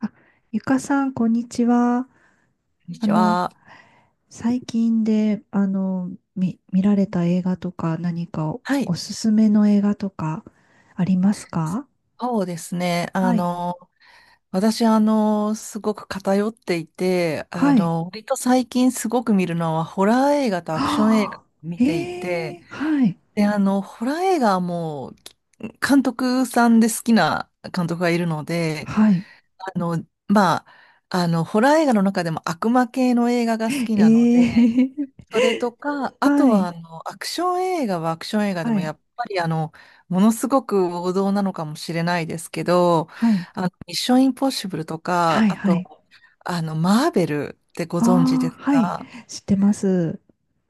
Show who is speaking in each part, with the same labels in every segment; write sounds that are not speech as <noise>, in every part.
Speaker 1: あゆかさん、こんにちは。
Speaker 2: こんに
Speaker 1: あ
Speaker 2: ち
Speaker 1: の、
Speaker 2: は。
Speaker 1: 最近で、見られた映画とか、何か
Speaker 2: はい。
Speaker 1: おすすめの映画とか、ありますか？
Speaker 2: そうですね。
Speaker 1: はい。
Speaker 2: 私、すごく偏っていて、
Speaker 1: はい。
Speaker 2: 割と最近すごく見るのは、ホラー映画
Speaker 1: <gasps>
Speaker 2: とアクション映画を
Speaker 1: はあ、
Speaker 2: 見
Speaker 1: え
Speaker 2: ていて、
Speaker 1: ー、はい。
Speaker 2: で、ホラー映画はもう、監督さんで好きな監督がいるので、
Speaker 1: はい。
Speaker 2: あの、まあ、ホラー映画の中でも悪魔系の映画が好
Speaker 1: え
Speaker 2: きなので、
Speaker 1: ー、
Speaker 2: それとか、
Speaker 1: <laughs>
Speaker 2: あと
Speaker 1: は
Speaker 2: は
Speaker 1: い。
Speaker 2: アクション映画はアクション映画で
Speaker 1: は
Speaker 2: も
Speaker 1: い。
Speaker 2: やっぱりものすごく王道なのかもしれないですけど、
Speaker 1: はい。
Speaker 2: ミッションインポッシブルと
Speaker 1: は
Speaker 2: か、
Speaker 1: い。
Speaker 2: あ
Speaker 1: はい。
Speaker 2: と、マーベルってご存知で
Speaker 1: ああ、
Speaker 2: す
Speaker 1: はい。
Speaker 2: か？
Speaker 1: 知ってます。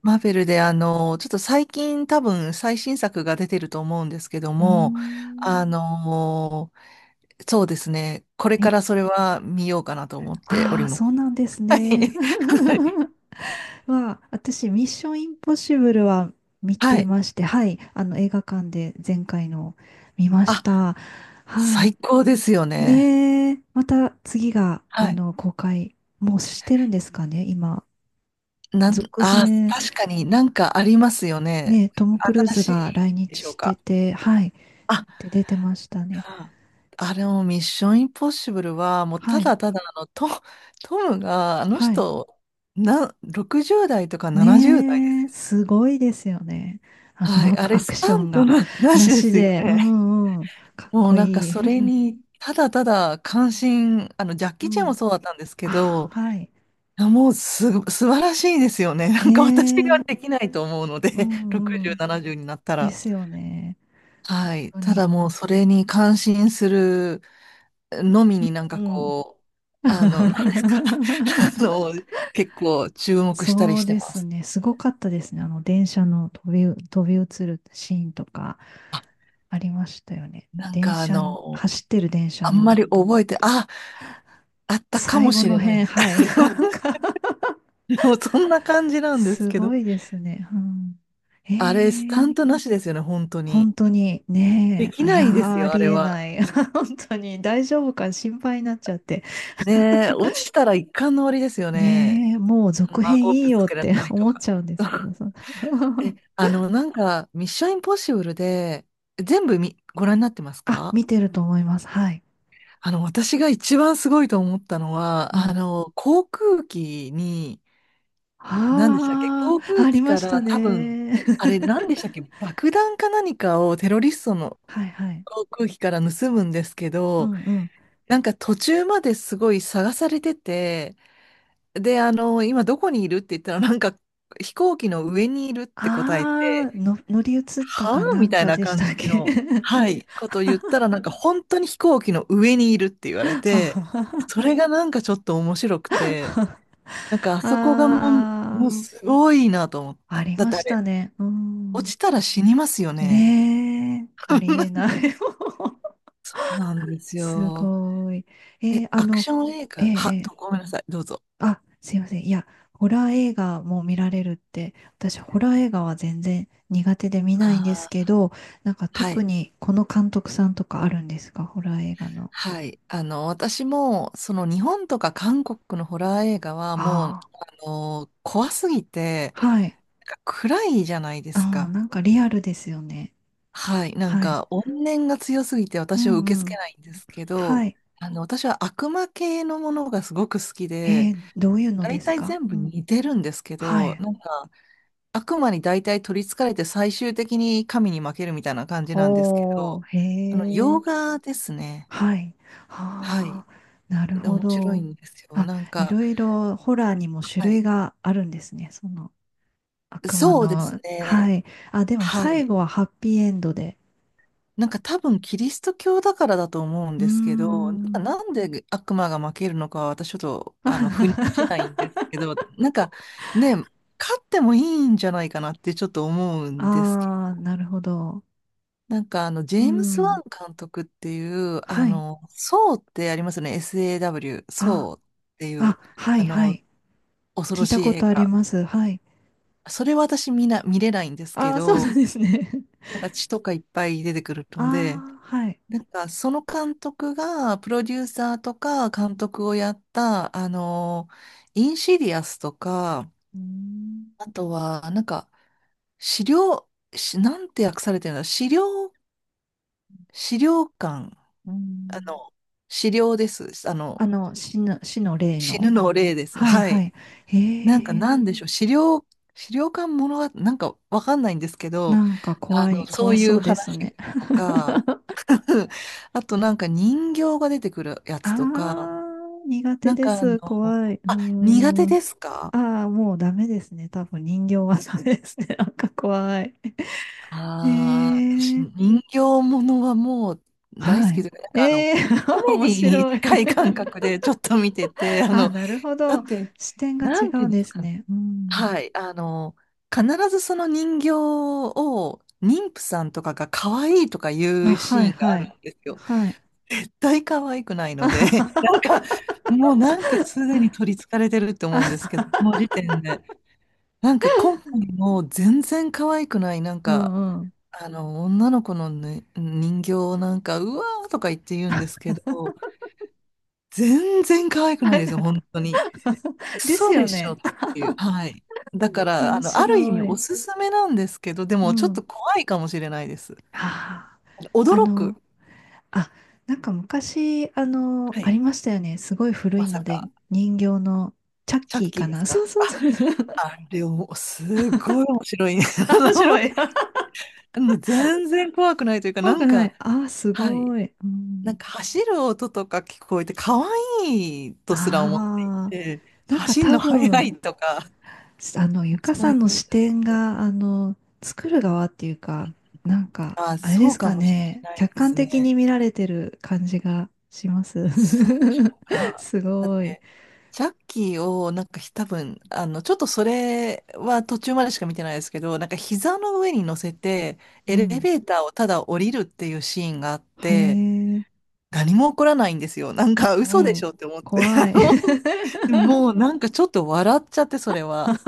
Speaker 2: マーベルでちょっと最近多分最新作が出てると思うんですけど
Speaker 1: うー
Speaker 2: も、あ
Speaker 1: ん。
Speaker 2: の、そうですね、これ
Speaker 1: え、
Speaker 2: からそれは見ようかなと思ってお
Speaker 1: あ
Speaker 2: り
Speaker 1: あ、
Speaker 2: ます。
Speaker 1: そうなんです
Speaker 2: <laughs> は
Speaker 1: ね。
Speaker 2: い。<laughs>
Speaker 1: <laughs> は、私、ミッションインポッシブルは見
Speaker 2: は
Speaker 1: て
Speaker 2: い。
Speaker 1: まして、はい、あの映画館で前回の見まし
Speaker 2: あ、
Speaker 1: た。はい。
Speaker 2: 最高ですよね。
Speaker 1: ねえ、また次が、
Speaker 2: は
Speaker 1: あ
Speaker 2: い。
Speaker 1: の、公開、もうしてるんですかね、今。
Speaker 2: なん、
Speaker 1: 続
Speaker 2: あー、
Speaker 1: 編、
Speaker 2: 確かになんかありますよね。
Speaker 1: ね、トム・クルー
Speaker 2: 新
Speaker 1: ズ
Speaker 2: し
Speaker 1: が
Speaker 2: い
Speaker 1: 来
Speaker 2: で
Speaker 1: 日
Speaker 2: しょ
Speaker 1: し
Speaker 2: う
Speaker 1: て
Speaker 2: か？
Speaker 1: て、はい、
Speaker 2: あ、
Speaker 1: で出てましたね。
Speaker 2: あ、あれもミッションインポッシブルは、もう
Speaker 1: は
Speaker 2: た
Speaker 1: い、
Speaker 2: だただトムが、あの
Speaker 1: はい。
Speaker 2: 人、60代とか70代です
Speaker 1: ねえ、
Speaker 2: よ
Speaker 1: す
Speaker 2: ね。
Speaker 1: ごいですよね。あ
Speaker 2: は
Speaker 1: の、ア
Speaker 2: い、あ
Speaker 1: ク
Speaker 2: れ
Speaker 1: アク
Speaker 2: ス
Speaker 1: シ
Speaker 2: タ
Speaker 1: ョン
Speaker 2: ント
Speaker 1: が
Speaker 2: の
Speaker 1: な
Speaker 2: 話で
Speaker 1: し
Speaker 2: すよ
Speaker 1: で、う
Speaker 2: ね。
Speaker 1: んうん、かっ
Speaker 2: もう
Speaker 1: こ
Speaker 2: なんか
Speaker 1: いい。
Speaker 2: それに、ただただ関心、ジャッ
Speaker 1: う
Speaker 2: キー・チェンも
Speaker 1: ん。
Speaker 2: そうだったんですけ
Speaker 1: あ、
Speaker 2: ど、
Speaker 1: はい。
Speaker 2: いやもう素晴らしいですよね。なんか私が
Speaker 1: ねえ。
Speaker 2: できないと思うの
Speaker 1: う
Speaker 2: で、
Speaker 1: んう
Speaker 2: 60、
Speaker 1: ん。
Speaker 2: 70になった
Speaker 1: で
Speaker 2: ら。
Speaker 1: すよね。
Speaker 2: はい。
Speaker 1: 本当
Speaker 2: た
Speaker 1: に。
Speaker 2: だもうそれに感心するのみになん
Speaker 1: う
Speaker 2: か
Speaker 1: ん。
Speaker 2: こう、なんですか？<laughs> あの、
Speaker 1: <laughs>
Speaker 2: 結構注目したり
Speaker 1: そう
Speaker 2: して
Speaker 1: で
Speaker 2: ま
Speaker 1: す
Speaker 2: す。
Speaker 1: ね。すごかったですね。あの、電車の飛び移るシーンとか
Speaker 2: あ、
Speaker 1: ありましたよね。
Speaker 2: なん
Speaker 1: 電
Speaker 2: か
Speaker 1: 車、走ってる電車
Speaker 2: あんま
Speaker 1: の
Speaker 2: り
Speaker 1: と
Speaker 2: 覚
Speaker 1: こ
Speaker 2: えて、あ、あったか
Speaker 1: 最
Speaker 2: も
Speaker 1: 後
Speaker 2: し
Speaker 1: の
Speaker 2: れない
Speaker 1: 辺、
Speaker 2: です。
Speaker 1: はい。なんか
Speaker 2: <laughs> もうそんな感じ
Speaker 1: <laughs>
Speaker 2: なんです
Speaker 1: す
Speaker 2: け
Speaker 1: ご
Speaker 2: ど。
Speaker 1: いですね。うん、
Speaker 2: あれ、スタ
Speaker 1: ええ
Speaker 2: ントなしですよね、本当に。
Speaker 1: 本当に
Speaker 2: で
Speaker 1: ねえ、
Speaker 2: き
Speaker 1: あい
Speaker 2: な
Speaker 1: や
Speaker 2: いです
Speaker 1: ー、あ
Speaker 2: よ、あ
Speaker 1: り
Speaker 2: れ
Speaker 1: え
Speaker 2: は。
Speaker 1: ない。<laughs> 本当に大丈夫か心配になっちゃって。
Speaker 2: ねえ、落ちたら一巻の終わりですよね。
Speaker 1: ねえ、もう
Speaker 2: あの
Speaker 1: 続編
Speaker 2: 顎
Speaker 1: いい
Speaker 2: ぶつ
Speaker 1: よっ
Speaker 2: けられ
Speaker 1: て
Speaker 2: た
Speaker 1: <laughs>
Speaker 2: りと
Speaker 1: 思っ
Speaker 2: か。
Speaker 1: ちゃうんですけど、そんな
Speaker 2: え、
Speaker 1: <laughs>
Speaker 2: なんか、ミッションインポッシブルで、全部み、ご覧になってます
Speaker 1: あ、
Speaker 2: か？
Speaker 1: 見てると思います。はい。
Speaker 2: 私が一番すごいと思ったのは、
Speaker 1: うん。
Speaker 2: 航空機に、何でしたっけ？
Speaker 1: あ
Speaker 2: 航
Speaker 1: あ、
Speaker 2: 空
Speaker 1: あり
Speaker 2: 機
Speaker 1: ま
Speaker 2: か
Speaker 1: した
Speaker 2: ら多分、
Speaker 1: ね。
Speaker 2: あれ、何でしたっけ？
Speaker 1: <laughs>
Speaker 2: 爆弾か何かをテロリストの
Speaker 1: はいはい。
Speaker 2: 航空機から盗むんですけ
Speaker 1: う
Speaker 2: ど、
Speaker 1: んうん。
Speaker 2: なんか途中まですごい探されてて、で、今どこにいるって言ったら、なんか飛行機の上にいるって答え
Speaker 1: ああ、
Speaker 2: て、
Speaker 1: の、乗り移った
Speaker 2: は
Speaker 1: か
Speaker 2: あ
Speaker 1: な
Speaker 2: み
Speaker 1: ん
Speaker 2: たい
Speaker 1: か
Speaker 2: な
Speaker 1: でしたっ
Speaker 2: 感じ
Speaker 1: け？
Speaker 2: の、はい、ことを言ったら、なんか本当に飛行機の上にいるって言わ
Speaker 1: <laughs>
Speaker 2: れて、そ
Speaker 1: あ
Speaker 2: れがなんかちょっと面白くて、なんかあそこがもう、も
Speaker 1: あ、
Speaker 2: うすごいなと思っ
Speaker 1: あ
Speaker 2: た。
Speaker 1: り
Speaker 2: だっ
Speaker 1: ま
Speaker 2: てあ
Speaker 1: し
Speaker 2: れ、
Speaker 1: たね。う
Speaker 2: 落
Speaker 1: ん。
Speaker 2: ちたら死にますよね。
Speaker 1: ねえ、
Speaker 2: <laughs> そ
Speaker 1: ありえない。
Speaker 2: うなんで
Speaker 1: <laughs>
Speaker 2: す
Speaker 1: す
Speaker 2: よ。
Speaker 1: ごい。え
Speaker 2: え、
Speaker 1: ーあ
Speaker 2: アク
Speaker 1: の、
Speaker 2: ション映
Speaker 1: ええ
Speaker 2: 画、は、
Speaker 1: え
Speaker 2: ど
Speaker 1: え
Speaker 2: ごめんなさい、どうぞ。
Speaker 1: あ、すいません。いや、ホラー映画も見られるって、私、ホラー映画は全然苦手で見ないんです
Speaker 2: あ
Speaker 1: け
Speaker 2: ー
Speaker 1: ど、なんか
Speaker 2: は
Speaker 1: 特
Speaker 2: い、
Speaker 1: にこの監督さんとかあるんですか？ホラー映画の。
Speaker 2: はい。私も、その日本とか韓国のホラー映画はもう、
Speaker 1: あ
Speaker 2: 怖すぎて、
Speaker 1: あ。はい。
Speaker 2: なんか暗いじゃないです
Speaker 1: ああ、
Speaker 2: か。
Speaker 1: なんかリアルですよね。
Speaker 2: はい。なん
Speaker 1: はい。
Speaker 2: か、怨念が強すぎて
Speaker 1: う
Speaker 2: 私は受け
Speaker 1: んう
Speaker 2: 付け
Speaker 1: ん。
Speaker 2: ないんですけ
Speaker 1: は
Speaker 2: ど、
Speaker 1: い。
Speaker 2: 私は悪魔系のものがすごく好き
Speaker 1: え
Speaker 2: で、
Speaker 1: ー、どういうので
Speaker 2: 大
Speaker 1: す
Speaker 2: 体
Speaker 1: か？
Speaker 2: 全
Speaker 1: う
Speaker 2: 部
Speaker 1: ん。
Speaker 2: 似てるんですけ
Speaker 1: は
Speaker 2: ど、
Speaker 1: い。
Speaker 2: なんか、悪魔に大体取り憑かれて最終的に神に負けるみたいな感じなんですけ
Speaker 1: お
Speaker 2: ど、
Speaker 1: ー、へ
Speaker 2: 洋
Speaker 1: え。
Speaker 2: 画ですね。
Speaker 1: はい。
Speaker 2: はい。
Speaker 1: ああ、なるほ
Speaker 2: 面白い
Speaker 1: ど。
Speaker 2: んですよ。
Speaker 1: あ、
Speaker 2: なん
Speaker 1: い
Speaker 2: か、
Speaker 1: ろいろホラーにも種
Speaker 2: は
Speaker 1: 類
Speaker 2: い。
Speaker 1: があるんですね。その、悪魔
Speaker 2: そうです
Speaker 1: の、
Speaker 2: ね。
Speaker 1: はい。あ、でも
Speaker 2: は
Speaker 1: 最
Speaker 2: い。
Speaker 1: 後はハッピーエンドで。
Speaker 2: なんか多分キリスト教だからだと思うん
Speaker 1: うー
Speaker 2: ですけど、なんか
Speaker 1: ん。
Speaker 2: なんで悪魔が負けるのかは私ちょっと
Speaker 1: <laughs>
Speaker 2: 腑に落ちないん
Speaker 1: あ
Speaker 2: ですけど、なんかね、勝ってもいいんじゃないかなってちょっと思うんですけ
Speaker 1: あ、
Speaker 2: ど、
Speaker 1: なるほど。
Speaker 2: なんかあのジ
Speaker 1: う
Speaker 2: ェームス・ワ
Speaker 1: ん。
Speaker 2: ン監督っていう、
Speaker 1: はい。
Speaker 2: ソーってありますよね、SAW、
Speaker 1: あ、
Speaker 2: ソーっていう、
Speaker 1: あ、は
Speaker 2: あ
Speaker 1: い、は
Speaker 2: の、
Speaker 1: い。
Speaker 2: 恐ろ
Speaker 1: 聞いた
Speaker 2: しい
Speaker 1: こ
Speaker 2: 映
Speaker 1: とあり
Speaker 2: 画。
Speaker 1: ます。はい。
Speaker 2: それは私みんな見れないんですけ
Speaker 1: ああ、そう
Speaker 2: ど、
Speaker 1: なんですね。
Speaker 2: なんか血とかいっぱい出てくる
Speaker 1: <laughs> あ
Speaker 2: ので、
Speaker 1: あ、はい。
Speaker 2: なんか、その監督が、プロデューサーとか監督をやった、インシディアスとか、
Speaker 1: うーん。
Speaker 2: あとは、なんか、資料、なんて訳されてるの？資料、資料館、
Speaker 1: うー
Speaker 2: あ
Speaker 1: ん
Speaker 2: の、資料です。
Speaker 1: あの、死の霊
Speaker 2: 死
Speaker 1: の。
Speaker 2: ぬの霊です。
Speaker 1: はい、
Speaker 2: は
Speaker 1: は
Speaker 2: い。
Speaker 1: い。へ
Speaker 2: なんか、
Speaker 1: え、
Speaker 2: なんでしょう。資料、資料館ものは、なんか、わかんないんですけど、
Speaker 1: なんか
Speaker 2: そう
Speaker 1: 怖
Speaker 2: い
Speaker 1: そ
Speaker 2: う
Speaker 1: うです
Speaker 2: 話
Speaker 1: ね。<laughs>
Speaker 2: とか、<laughs> あとなんか人形が出てくるや
Speaker 1: あ
Speaker 2: つとか、
Speaker 1: あ、苦
Speaker 2: な
Speaker 1: 手
Speaker 2: ん
Speaker 1: で
Speaker 2: か
Speaker 1: す。怖い。うー
Speaker 2: 苦手
Speaker 1: ん。
Speaker 2: ですか？
Speaker 1: ああ、もうダメですね。多分人形はダメですね。<laughs> なんか怖い。
Speaker 2: ああー、私、
Speaker 1: ええ
Speaker 2: 人形ものはもう大
Speaker 1: は
Speaker 2: 好き
Speaker 1: い。
Speaker 2: で、なんか
Speaker 1: ええ
Speaker 2: コ
Speaker 1: <laughs>
Speaker 2: メ
Speaker 1: 面
Speaker 2: ディに
Speaker 1: 白い
Speaker 2: 近い感覚でちょっと見てて、
Speaker 1: <laughs> あ、なるほ
Speaker 2: だっ
Speaker 1: ど。
Speaker 2: て、
Speaker 1: 視点が
Speaker 2: な
Speaker 1: 違
Speaker 2: んてい
Speaker 1: う
Speaker 2: う
Speaker 1: ん
Speaker 2: んで
Speaker 1: で
Speaker 2: す
Speaker 1: す
Speaker 2: かね？
Speaker 1: ね。うん。
Speaker 2: はい、必ずその人形を、妊婦さんとかが可愛いとかい
Speaker 1: あ、
Speaker 2: うシ
Speaker 1: は
Speaker 2: ー
Speaker 1: い、
Speaker 2: ンがあ
Speaker 1: は
Speaker 2: る
Speaker 1: い。
Speaker 2: んですよ。
Speaker 1: はい。
Speaker 2: 絶対可愛くない
Speaker 1: <laughs>
Speaker 2: の
Speaker 1: あ
Speaker 2: で、<laughs> なん
Speaker 1: は
Speaker 2: か、もうなんかすでに取り憑かれてると
Speaker 1: は
Speaker 2: 思うんです
Speaker 1: は
Speaker 2: けど、この時点で。なんか今回も全然可愛くない、なん
Speaker 1: う
Speaker 2: か、
Speaker 1: んうん。
Speaker 2: 女の子の、ね、人形をなんか、うわーとか言って言うんですけど、全然可愛くないですよ、本当に。ク
Speaker 1: <laughs> です
Speaker 2: ソ
Speaker 1: よ
Speaker 2: でしょっ
Speaker 1: ね。
Speaker 2: ていう。はい。
Speaker 1: う
Speaker 2: だか
Speaker 1: ん
Speaker 2: ら、
Speaker 1: 面
Speaker 2: ある意味
Speaker 1: 白
Speaker 2: お
Speaker 1: い。
Speaker 2: すすめなんですけど、で
Speaker 1: う
Speaker 2: もちょっ
Speaker 1: ん。
Speaker 2: と怖いかもしれないです。
Speaker 1: ああ、あ
Speaker 2: 驚く。
Speaker 1: の、あ、なんか昔、あの、
Speaker 2: は
Speaker 1: あ
Speaker 2: い。
Speaker 1: りましたよね。すごい古
Speaker 2: ま
Speaker 1: い
Speaker 2: さ
Speaker 1: ので、
Speaker 2: か、
Speaker 1: 人形のチャッ
Speaker 2: チャ
Speaker 1: キ
Speaker 2: ッ
Speaker 1: ー
Speaker 2: キー
Speaker 1: か
Speaker 2: です
Speaker 1: な。そう
Speaker 2: か
Speaker 1: そう
Speaker 2: あ？
Speaker 1: そう。<laughs>
Speaker 2: あれを、すごい面白い。<laughs> あ
Speaker 1: <laughs> あ、面白
Speaker 2: の、
Speaker 1: い。<laughs>
Speaker 2: 全然怖くないというか、な
Speaker 1: 怖く
Speaker 2: ん
Speaker 1: な
Speaker 2: か、
Speaker 1: い。ああ、す
Speaker 2: はい。
Speaker 1: ごい。う
Speaker 2: なん
Speaker 1: ん、
Speaker 2: か走る音とか聞こえて、可愛いとすら思ってい
Speaker 1: ああ、
Speaker 2: て、
Speaker 1: なんか
Speaker 2: 走る
Speaker 1: 多
Speaker 2: の速
Speaker 1: 分、
Speaker 2: いとか、
Speaker 1: あの、ゆか
Speaker 2: そう
Speaker 1: さん
Speaker 2: い
Speaker 1: の
Speaker 2: う、
Speaker 1: 視点が、あの、作る側っていうか、なんか、
Speaker 2: あ、
Speaker 1: あれで
Speaker 2: そう
Speaker 1: す
Speaker 2: か
Speaker 1: か
Speaker 2: もしれ
Speaker 1: ね、
Speaker 2: ない
Speaker 1: 客
Speaker 2: で
Speaker 1: 観
Speaker 2: す
Speaker 1: 的
Speaker 2: ね。
Speaker 1: に見られてる感じがします。
Speaker 2: そうでしょう
Speaker 1: <laughs>
Speaker 2: か？
Speaker 1: す
Speaker 2: だっ
Speaker 1: ごい。
Speaker 2: て、ジャッキーを、なんか多分、ちょっとそれは途中までしか見てないですけど、なんか膝の上に乗せて、
Speaker 1: う
Speaker 2: エレ
Speaker 1: ん。
Speaker 2: ベーターをただ降りるっていうシーンがあっ
Speaker 1: へ
Speaker 2: て、
Speaker 1: え、
Speaker 2: 何も起こらないんですよ。なん
Speaker 1: う
Speaker 2: か嘘で
Speaker 1: んう
Speaker 2: し
Speaker 1: ん。
Speaker 2: ょって思って。<laughs>
Speaker 1: 怖い。<laughs>
Speaker 2: でももうなんかちょっと笑っちゃって、それは。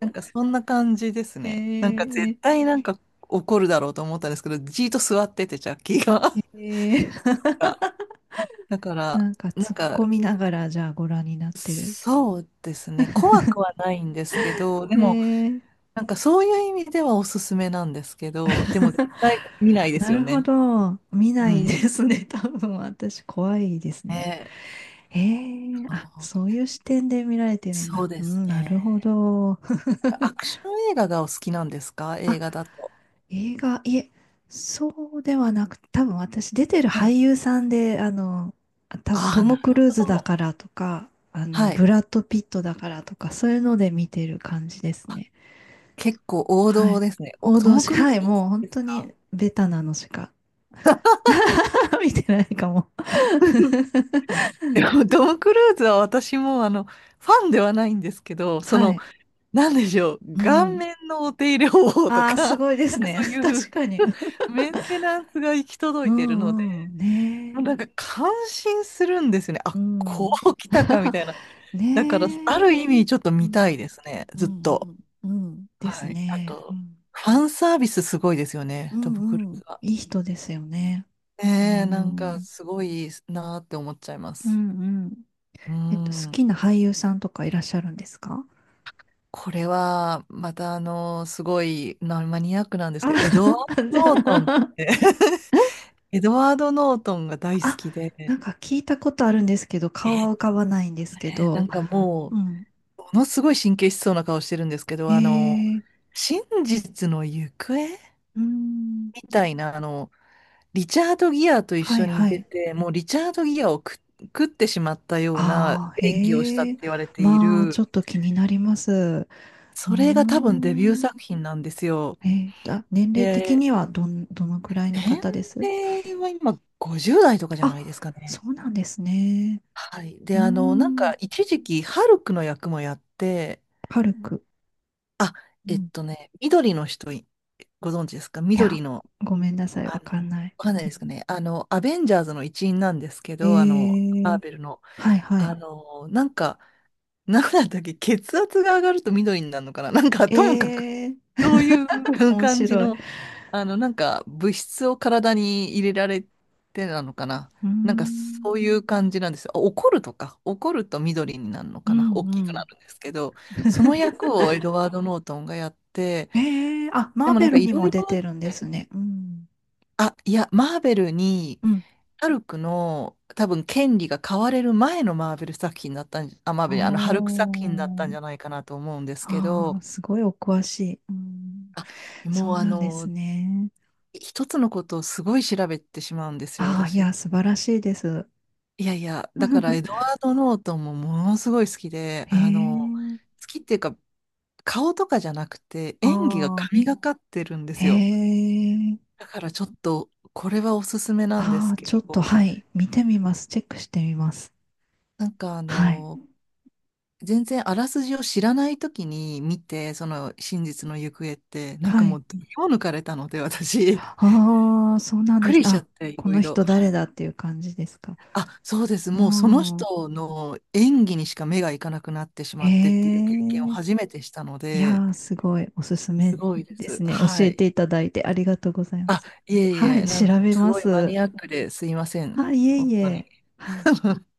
Speaker 2: なんかそんな感じです
Speaker 1: え
Speaker 2: ね。なんか絶
Speaker 1: ー、
Speaker 2: 対なんか怒るだろうと思ったんですけど、じーっと座ってて、ジャッキーが。
Speaker 1: えー、
Speaker 2: <laughs> だから、
Speaker 1: なんか
Speaker 2: なん
Speaker 1: 突っ
Speaker 2: か、
Speaker 1: 込みながら、じゃあご覧になってる。
Speaker 2: そうですね。怖くはないんですけど、で
Speaker 1: え
Speaker 2: も、
Speaker 1: ー
Speaker 2: なんかそういう意味ではおすすめなんですけど、でも絶対見ないです
Speaker 1: な
Speaker 2: よ
Speaker 1: るほ
Speaker 2: ね。
Speaker 1: ど。見
Speaker 2: う
Speaker 1: ないで
Speaker 2: ん。
Speaker 1: すね。<laughs> 多分私怖いですね。
Speaker 2: ね、
Speaker 1: ええ
Speaker 2: そう
Speaker 1: あ、そういう視点で見られてるん
Speaker 2: そう
Speaker 1: だ。
Speaker 2: で
Speaker 1: う
Speaker 2: す
Speaker 1: ん、なるほ
Speaker 2: ね。
Speaker 1: ど。
Speaker 2: アクション映画がお好きなんですか？
Speaker 1: <laughs>
Speaker 2: 映
Speaker 1: あ、
Speaker 2: 画だと。
Speaker 1: 映画、いえ、そうではなく、多分私出てる
Speaker 2: は
Speaker 1: 俳
Speaker 2: い。
Speaker 1: 優さんで、あの、あ多分
Speaker 2: あ
Speaker 1: ト
Speaker 2: あ、な
Speaker 1: ム・ク
Speaker 2: る
Speaker 1: ルー
Speaker 2: ほ
Speaker 1: ズだ
Speaker 2: ど。
Speaker 1: からとか、あの、
Speaker 2: はい。
Speaker 1: ブラッド・ピットだからとか、そういうので見てる感じですね。
Speaker 2: 結構王
Speaker 1: は
Speaker 2: 道
Speaker 1: い。
Speaker 2: ですね。
Speaker 1: 王
Speaker 2: ト
Speaker 1: 道
Speaker 2: ム・
Speaker 1: し、
Speaker 2: クルー
Speaker 1: は
Speaker 2: ズ
Speaker 1: い、
Speaker 2: お好き
Speaker 1: もう本
Speaker 2: です
Speaker 1: 当
Speaker 2: か？
Speaker 1: にベタなのしか <laughs> 見てないかも
Speaker 2: <laughs>
Speaker 1: <laughs>
Speaker 2: でもトム・クルーズは私もファンではないんですけど、そ
Speaker 1: は
Speaker 2: の、
Speaker 1: い。
Speaker 2: なんでしょう、
Speaker 1: う
Speaker 2: 顔
Speaker 1: ん。
Speaker 2: 面のお手入れ方法と
Speaker 1: ああ、す
Speaker 2: か、
Speaker 1: ごいで
Speaker 2: <laughs> な
Speaker 1: す
Speaker 2: んかそ
Speaker 1: ね。
Speaker 2: う
Speaker 1: <laughs>
Speaker 2: い
Speaker 1: 確
Speaker 2: う
Speaker 1: かに。<laughs>
Speaker 2: メンテナンスが行き届
Speaker 1: う
Speaker 2: いているので、
Speaker 1: んうん。
Speaker 2: もう
Speaker 1: ね
Speaker 2: なんか感心するんですよね。
Speaker 1: え。
Speaker 2: あ、
Speaker 1: う
Speaker 2: こ
Speaker 1: ん。
Speaker 2: う来たかみ
Speaker 1: <laughs>
Speaker 2: たいな。だから、
Speaker 1: ね
Speaker 2: あ
Speaker 1: え。
Speaker 2: る意味ちょっと
Speaker 1: う
Speaker 2: 見たいで
Speaker 1: ん。
Speaker 2: すね。
Speaker 1: う
Speaker 2: ずっ
Speaker 1: ん、
Speaker 2: と。
Speaker 1: うん。です
Speaker 2: はい。あ
Speaker 1: ね。う
Speaker 2: と、
Speaker 1: ん、
Speaker 2: ファンサービスすごいですよね、トム・クル
Speaker 1: う
Speaker 2: ー
Speaker 1: ん。
Speaker 2: ズは。
Speaker 1: いい人ですよね。
Speaker 2: ね
Speaker 1: う
Speaker 2: え、なん
Speaker 1: ん、う
Speaker 2: か
Speaker 1: ん、
Speaker 2: すごいなーって思っちゃいま
Speaker 1: う
Speaker 2: す。
Speaker 1: ん、
Speaker 2: う
Speaker 1: えっと、好
Speaker 2: ん。
Speaker 1: きな俳優さんとかいらっしゃるんですか？
Speaker 2: これは、またすごいなマニアックなんです
Speaker 1: あ、
Speaker 2: けど、エドワー
Speaker 1: <laughs> じゃ
Speaker 2: ド・ノートンっ
Speaker 1: あ、<laughs>
Speaker 2: て <laughs> エドワード・ノートンが大好
Speaker 1: あ、
Speaker 2: き
Speaker 1: な
Speaker 2: で、
Speaker 1: んか聞いたことあるんですけど、
Speaker 2: え
Speaker 1: 顔は浮
Speaker 2: ー
Speaker 1: かばないんですけ
Speaker 2: ねな
Speaker 1: ど、
Speaker 2: んかも
Speaker 1: うん。
Speaker 2: う、ものすごい神経質そうな顔してるんですけ
Speaker 1: え
Speaker 2: ど、
Speaker 1: ー、
Speaker 2: 真実の行方
Speaker 1: うーん。
Speaker 2: みたいな、リチャード・ギアと一
Speaker 1: はい
Speaker 2: 緒に
Speaker 1: は
Speaker 2: 出
Speaker 1: い。
Speaker 2: て、もうリチャード・ギアを食ってしまったような
Speaker 1: ああ、
Speaker 2: 演技をした
Speaker 1: へ
Speaker 2: っ
Speaker 1: え。
Speaker 2: て言われてい
Speaker 1: まあ、
Speaker 2: る、
Speaker 1: ちょっと気になります。うー
Speaker 2: それが多分デビュー
Speaker 1: ん。
Speaker 2: 作品なんですよ。
Speaker 1: えー、あ、年齢的
Speaker 2: で、
Speaker 1: にはどのくらいの
Speaker 2: 年
Speaker 1: 方です？
Speaker 2: 齢は今50代とかじゃ
Speaker 1: あ、
Speaker 2: ないですか
Speaker 1: そ
Speaker 2: ね。
Speaker 1: うなんですね。
Speaker 2: はい。
Speaker 1: う
Speaker 2: で、
Speaker 1: ー
Speaker 2: なん
Speaker 1: ん。
Speaker 2: か一時期、ハルクの役もやって、
Speaker 1: 軽く。
Speaker 2: あ、
Speaker 1: うん。
Speaker 2: ね、緑の人ご存知ですか？
Speaker 1: い
Speaker 2: 緑
Speaker 1: や、
Speaker 2: の、
Speaker 1: ごめんなさい。わかん
Speaker 2: わ
Speaker 1: ない。
Speaker 2: かんないですかね。アベンジャーズの一員なんですけ
Speaker 1: え
Speaker 2: ど、マー
Speaker 1: ー
Speaker 2: ベルの、
Speaker 1: はいはい。
Speaker 2: なんか、なんだったっけ？血圧が上がると緑になるのかな？なんか、ともかく、
Speaker 1: えー
Speaker 2: そういう <laughs>
Speaker 1: 面
Speaker 2: 感じ
Speaker 1: 白い。う
Speaker 2: の、なんか、物質を体に入れられてなのかな？
Speaker 1: ー
Speaker 2: なんか、そう
Speaker 1: ん。
Speaker 2: いう感じなんですよ。怒ると緑になるの
Speaker 1: う
Speaker 2: かな？
Speaker 1: ん
Speaker 2: 大きく
Speaker 1: う
Speaker 2: な
Speaker 1: ん。
Speaker 2: るんですけど、その役をエドワード・ノートンがやって、
Speaker 1: ええ。あ、
Speaker 2: で
Speaker 1: マー
Speaker 2: もな
Speaker 1: ベ
Speaker 2: んか、
Speaker 1: ル
Speaker 2: い
Speaker 1: に
Speaker 2: ろ
Speaker 1: も
Speaker 2: いろ、
Speaker 1: 出てるんですね。うん。
Speaker 2: あ、いや、マーベルに、
Speaker 1: うん。
Speaker 2: ハルクの多分権利が買われる前のマーベル作品だったんじあ、マーベル、あのハルク
Speaker 1: あ
Speaker 2: 作品だったんじゃ
Speaker 1: あ。
Speaker 2: ないかなと思うんですけ
Speaker 1: ああ、
Speaker 2: ど、
Speaker 1: すごいお詳しい。うん、
Speaker 2: あ、
Speaker 1: そ
Speaker 2: も
Speaker 1: う
Speaker 2: う
Speaker 1: なんですね。
Speaker 2: 一つのことをすごい調べてしまうんですよ、
Speaker 1: ああ、い
Speaker 2: 私。
Speaker 1: や、素晴らしいです。
Speaker 2: いやいや、だからエドワ
Speaker 1: <laughs>
Speaker 2: ード・ノートンもものすごい好きで、
Speaker 1: へえ、
Speaker 2: 好きっていうか、顔とかじゃなくて、
Speaker 1: あ
Speaker 2: 演技が
Speaker 1: あ、
Speaker 2: 神がかってるんですよ。
Speaker 1: へえ、
Speaker 2: だからちょっと、これはおすすめなんです
Speaker 1: ああ、ちょっ
Speaker 2: け
Speaker 1: と、
Speaker 2: ど、
Speaker 1: はい、見てみます。チェックしてみます。
Speaker 2: なんか
Speaker 1: はい、
Speaker 2: 全然あらすじを知らない時に見て、その真実の行方って、なん
Speaker 1: は
Speaker 2: かも
Speaker 1: い。
Speaker 2: う、どぎも抜かれたので、私、<laughs> びっ
Speaker 1: ああ、そうなんで
Speaker 2: く
Speaker 1: す。
Speaker 2: りしちゃ
Speaker 1: あ、
Speaker 2: って、い
Speaker 1: こ
Speaker 2: ろ
Speaker 1: の
Speaker 2: いろ。
Speaker 1: 人誰だっていう感じですか。
Speaker 2: あ、そうです。
Speaker 1: う
Speaker 2: もうその
Speaker 1: ん、
Speaker 2: 人の演技にしか目がいかなくなってしま
Speaker 1: へ
Speaker 2: ってっていう経験を
Speaker 1: え、
Speaker 2: 初めてしたの
Speaker 1: いや
Speaker 2: で、
Speaker 1: ー、すごい、おすす
Speaker 2: す
Speaker 1: め
Speaker 2: ごいで
Speaker 1: で
Speaker 2: す。
Speaker 1: すね。教
Speaker 2: は
Speaker 1: え
Speaker 2: い。
Speaker 1: ていただいてありがとうございま
Speaker 2: あ、
Speaker 1: す。
Speaker 2: いえい
Speaker 1: は
Speaker 2: え、
Speaker 1: い、
Speaker 2: な
Speaker 1: 調
Speaker 2: んか
Speaker 1: べ
Speaker 2: す
Speaker 1: ま
Speaker 2: ごいマ
Speaker 1: す。
Speaker 2: ニアックですいません。
Speaker 1: あ、いえ
Speaker 2: 本
Speaker 1: い
Speaker 2: 当に。
Speaker 1: え。はい。
Speaker 2: <laughs>